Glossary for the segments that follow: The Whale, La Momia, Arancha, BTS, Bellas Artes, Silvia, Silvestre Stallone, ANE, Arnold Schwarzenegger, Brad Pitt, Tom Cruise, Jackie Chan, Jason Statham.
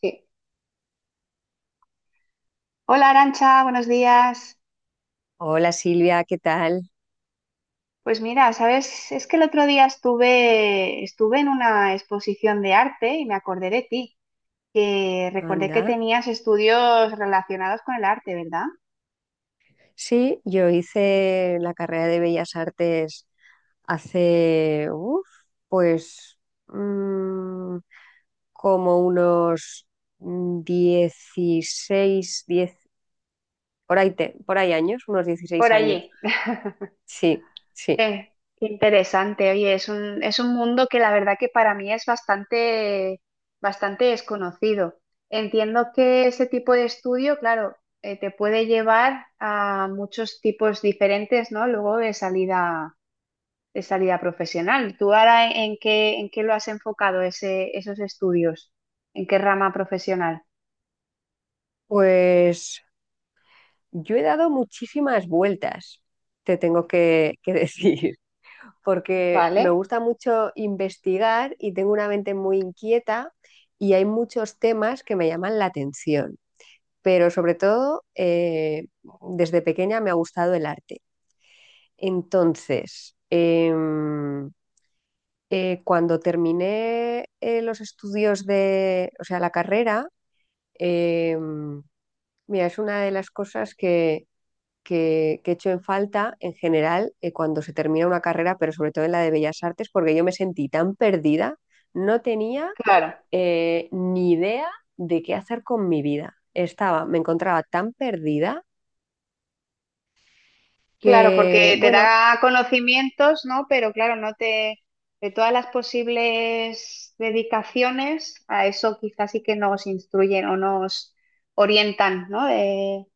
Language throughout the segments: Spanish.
Sí. Hola Arancha, buenos días. Hola Silvia, ¿qué tal? Pues mira, sabes, es que el otro día estuve, en una exposición de arte y me acordé de ti, que recordé que Anda. tenías estudios relacionados con el arte, ¿verdad? Sí, yo hice la carrera de Bellas Artes hace, uf, pues, mm, como unos 16 10 por ahí, por ahí años, unos dieciséis Por años. allí. Sí, sí. Eh, qué interesante. Oye, es un mundo que la verdad que para mí es bastante, bastante desconocido. Entiendo que ese tipo de estudio, claro, te puede llevar a muchos tipos diferentes, ¿no? Luego de salida profesional. ¿Tú ahora en, en qué lo has enfocado ese, esos estudios? ¿En qué rama profesional? Pues yo he dado muchísimas vueltas, te tengo que decir. Porque me ¿Vale? gusta mucho investigar y tengo una mente muy inquieta y hay muchos temas que me llaman la atención, pero sobre todo desde pequeña me ha gustado el arte. Entonces, cuando terminé los estudios de, o sea, la carrera, em, mira, es una de las cosas que echo en falta en general cuando se termina una carrera, pero sobre todo en la de Bellas Artes, porque yo me sentí tan perdida, no tenía Claro, ni idea de qué hacer con mi vida. Estaba, me encontraba tan perdida claro, que, porque te bueno, da conocimientos, ¿no? Pero claro, no te, de todas las posibles dedicaciones, a eso quizás sí que nos instruyen o nos orientan, ¿no?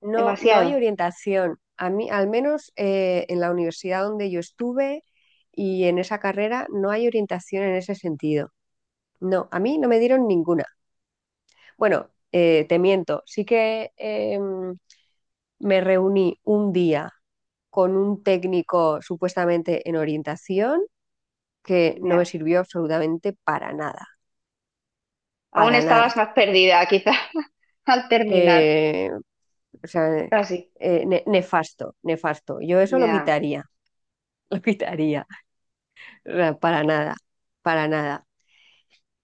no, no hay Demasiado. orientación. A mí, al menos en la universidad donde yo estuve y en esa carrera, no hay orientación en ese sentido. No, a mí no me dieron ninguna. Bueno, te miento, sí que me reuní un día con un técnico supuestamente en orientación que no me Ya. sirvió absolutamente para nada, Aún para nada. estabas más perdida, quizás, al terminar, Eh, o sea, casi. eh, ne- nefasto, nefasto. Yo eso lo Ya, quitaría, lo quitaría. O sea, para nada, para nada.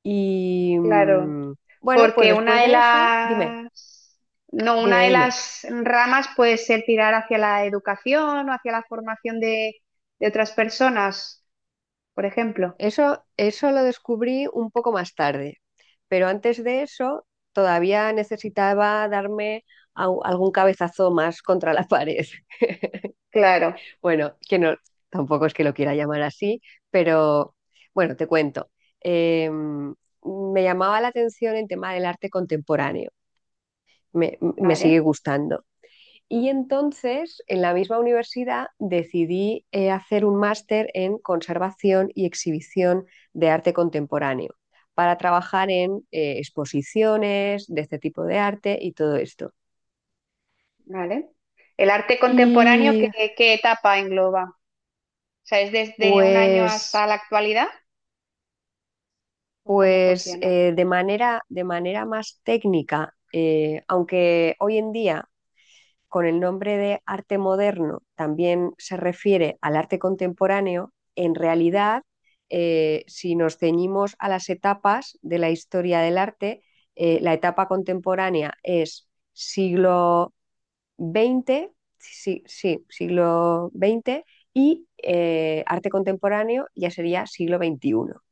Y claro. Bueno, pues Porque una después de de eso, dime, las, no, dime, una de dime. las ramas puede ser tirar hacia la educación o hacia la formación de otras personas, por ejemplo. Eso lo descubrí un poco más tarde, pero antes de eso todavía necesitaba darme algún cabezazo más contra la pared. Claro, Bueno, que no, tampoco es que lo quiera llamar así, pero bueno, te cuento. Me llamaba la atención el tema del arte contemporáneo. Me sigue vale, gustando. Y entonces, en la misma universidad, decidí hacer un máster en conservación y exhibición de arte contemporáneo para trabajar en exposiciones de este tipo de arte y todo esto. vale. El arte contemporáneo, Y ¿qué, qué etapa engloba? O sea, ¿es desde un año pues, hasta la actualidad? ¿O cómo pues funciona? eh, de manera más técnica, aunque hoy en día con el nombre de arte moderno también se refiere al arte contemporáneo, en realidad, si nos ceñimos a las etapas de la historia del arte, la etapa contemporánea es siglo XX, sí, sí, siglo XX, y arte contemporáneo ya sería siglo XXI.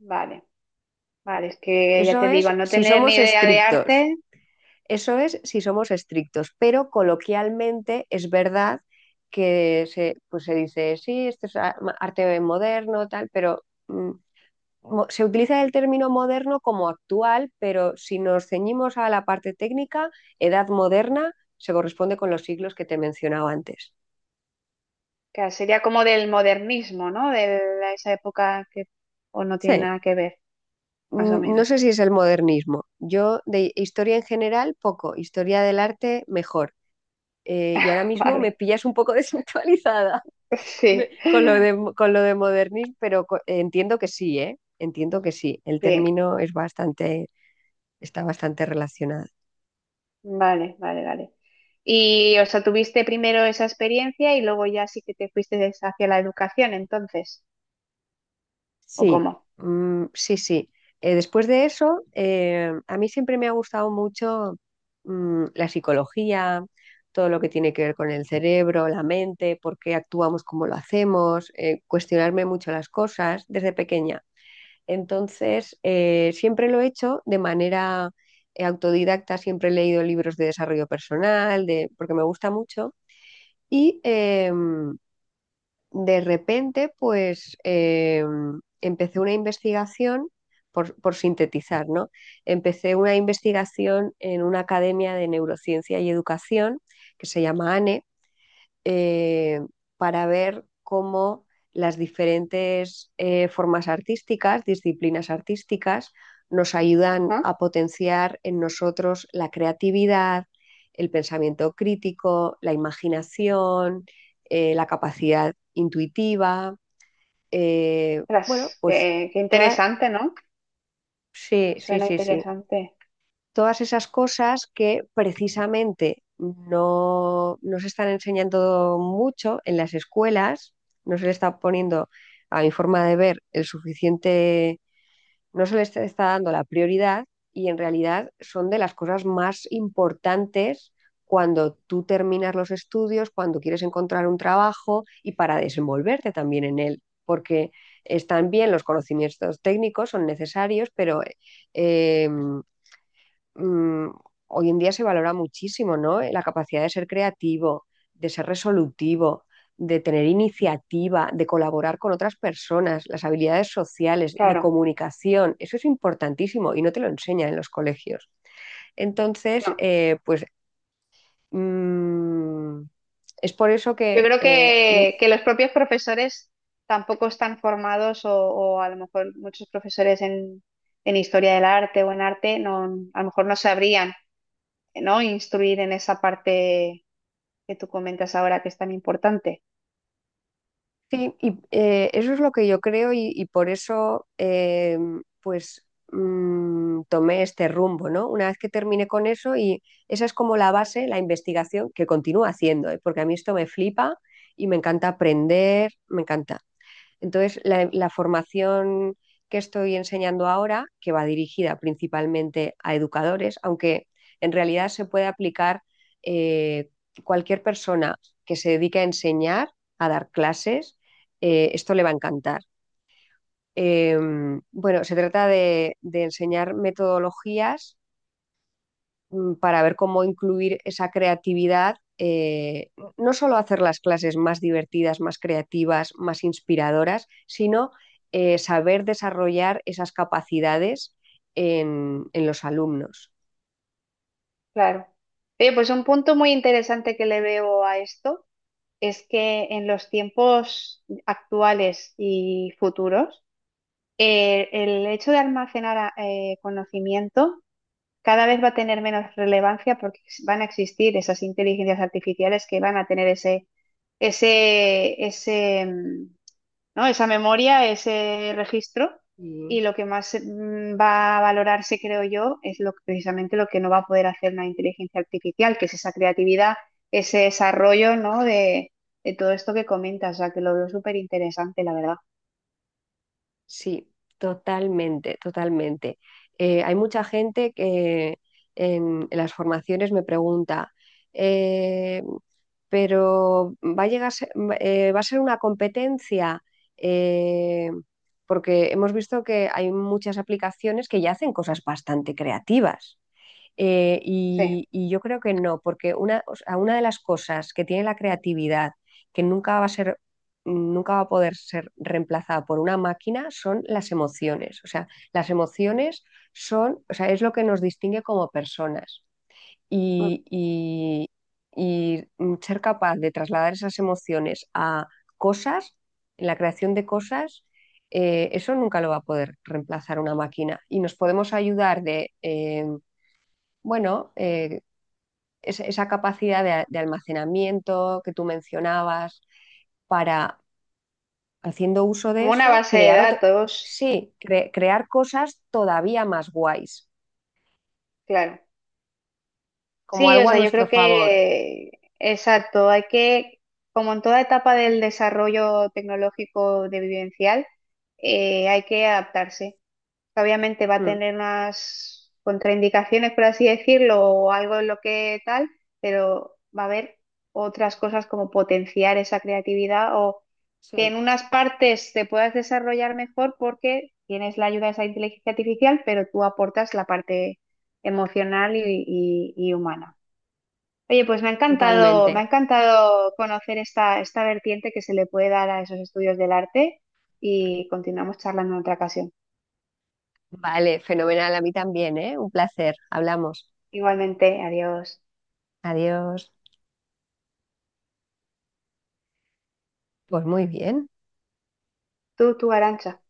Vale, vale, es que ya Eso te digo, es al no si tener ni somos idea de estrictos. arte, Eso es si somos estrictos, pero coloquialmente es verdad que se, pues se dice, sí, esto es arte moderno, tal, pero se utiliza el término moderno como actual, pero si nos ceñimos a la parte técnica, edad moderna se corresponde con los siglos que te mencionaba antes. que sería como del modernismo, ¿no? De la- esa época que o no tiene Sí, nada que ver, más o no menos. sé si es el modernismo. Yo de historia en general, poco, historia del arte, mejor. Y ahora mismo me Vale, pillas un poco desactualizada. Sí, Con lo de modernismo, pero entiendo que sí, ¿eh? Entiendo que sí. El sí, término es bastante, está bastante relacionado. vale, vale. Y, o sea, tuviste primero esa experiencia y luego ya sí que te fuiste hacia la educación, entonces, ¿o Sí, cómo? mm, sí, sí. Después de eso, a mí siempre me ha gustado mucho la psicología, todo lo que tiene que ver con el cerebro, la mente, por qué actuamos como lo hacemos, cuestionarme mucho las cosas desde pequeña. Entonces, siempre lo he hecho de manera autodidacta, siempre he leído libros de desarrollo personal, de, porque me gusta mucho. Y de repente, pues empecé una investigación, por sintetizar, ¿no? Empecé una investigación en una academia de neurociencia y educación que se llama ANE eh, para ver cómo las diferentes formas artísticas, disciplinas artísticas, nos ayudan Ajá. a potenciar en nosotros la creatividad, el pensamiento crítico, la imaginación, la capacidad intuitiva. Bueno, Ostras, pues qué, qué todas... interesante, ¿no? Sí, sí, Suena sí, sí, interesante. todas esas cosas que precisamente no, no se están enseñando mucho en las escuelas, no se le está poniendo, a mi forma de ver, el suficiente, no se le está dando la prioridad y en realidad son de las cosas más importantes cuando tú terminas los estudios, cuando quieres encontrar un trabajo y para desenvolverte también en él, porque están bien los conocimientos técnicos, son necesarios, pero mm, hoy en día se valora muchísimo, ¿no? La capacidad de ser creativo, de ser resolutivo, de tener iniciativa, de colaborar con otras personas, las habilidades sociales, de Claro, comunicación, eso es importantísimo y no te lo enseñan en los colegios. Entonces, no. pues mm, es por eso Yo que creo eh, que los propios profesores tampoco están formados o a lo mejor muchos profesores en historia del arte o en arte no, a lo mejor no sabrían, ¿no? Instruir en esa parte que tú comentas ahora que es tan importante. Sí, y eso es lo que yo creo y, por eso pues tomé este rumbo, ¿no? Una vez que terminé con eso y esa es como la base, la investigación que continúo haciendo, ¿eh? Porque a mí esto me flipa y me encanta aprender, me encanta. Entonces, la formación que estoy enseñando ahora, que va dirigida principalmente a educadores, aunque en realidad se puede aplicar eh, cualquier persona que se dedique a enseñar, a dar clases, esto le va a encantar. Eh, bueno, se trata de, enseñar metodologías para ver cómo incluir esa creatividad, no solo hacer las clases más divertidas, más creativas, más inspiradoras, sino saber desarrollar esas capacidades en, los alumnos. Claro. Oye, pues un punto muy interesante que le veo a esto es que en los tiempos actuales y futuros, el hecho de almacenar a- conocimiento cada vez va a tener menos relevancia porque van a existir esas inteligencias artificiales que van a tener ese, ese, ese, mm, ¿no? Esa memoria, ese registro, y Sí. lo que más va a valorarse, creo yo, es lo, precisamente lo que no va a poder hacer una inteligencia artificial, que es esa creatividad, ese desarrollo, ¿no? De todo esto que comentas, o sea, que lo veo súper interesante, la verdad. Sí, totalmente, totalmente. Hay mucha gente que en las formaciones me pregunta, eh, pero va a llegar, a ser- va a ser una competencia, eh, porque hemos visto que hay muchas aplicaciones que ya hacen cosas bastante creativas. Sí. Y, yo creo que no, porque una, o sea, una de las cosas que tiene la creatividad, que nunca va a ser, nunca va a poder ser reemplazada por una máquina, son las emociones. O sea, las emociones son, o sea, es lo que nos distingue como personas. Mm. Y, y- y ser capaz de trasladar esas emociones a cosas, en la creación de cosas, eso nunca lo va a poder reemplazar una máquina. Y nos podemos ayudar de... bueno, eh, esa capacidad de almacenamiento que tú mencionabas para, haciendo uso de Como una eso, base de crear otro, datos, sí, crear cosas todavía más guays, claro. como Sí, o algo a sea, yo nuestro creo favor. que, exacto, hay que, como en toda etapa del desarrollo tecnológico de vivencial, hay que adaptarse que obviamente va a Mm, tener unas contraindicaciones, por así decirlo, o algo en lo que tal, pero va a haber otras cosas como potenciar esa creatividad o que en sí, unas partes te puedas desarrollar mejor porque tienes la ayuda de esa inteligencia artificial, pero tú aportas la parte emocional y humana. Oye, pues me ha totalmente. encantado conocer esta, esta vertiente que se le puede dar a esos estudios del arte y continuamos charlando en otra ocasión. Vale, fenomenal, a mí también, ¿eh? Un placer. Hablamos. Igualmente, adiós. Adiós. Pues muy bien. Tú, Arancha.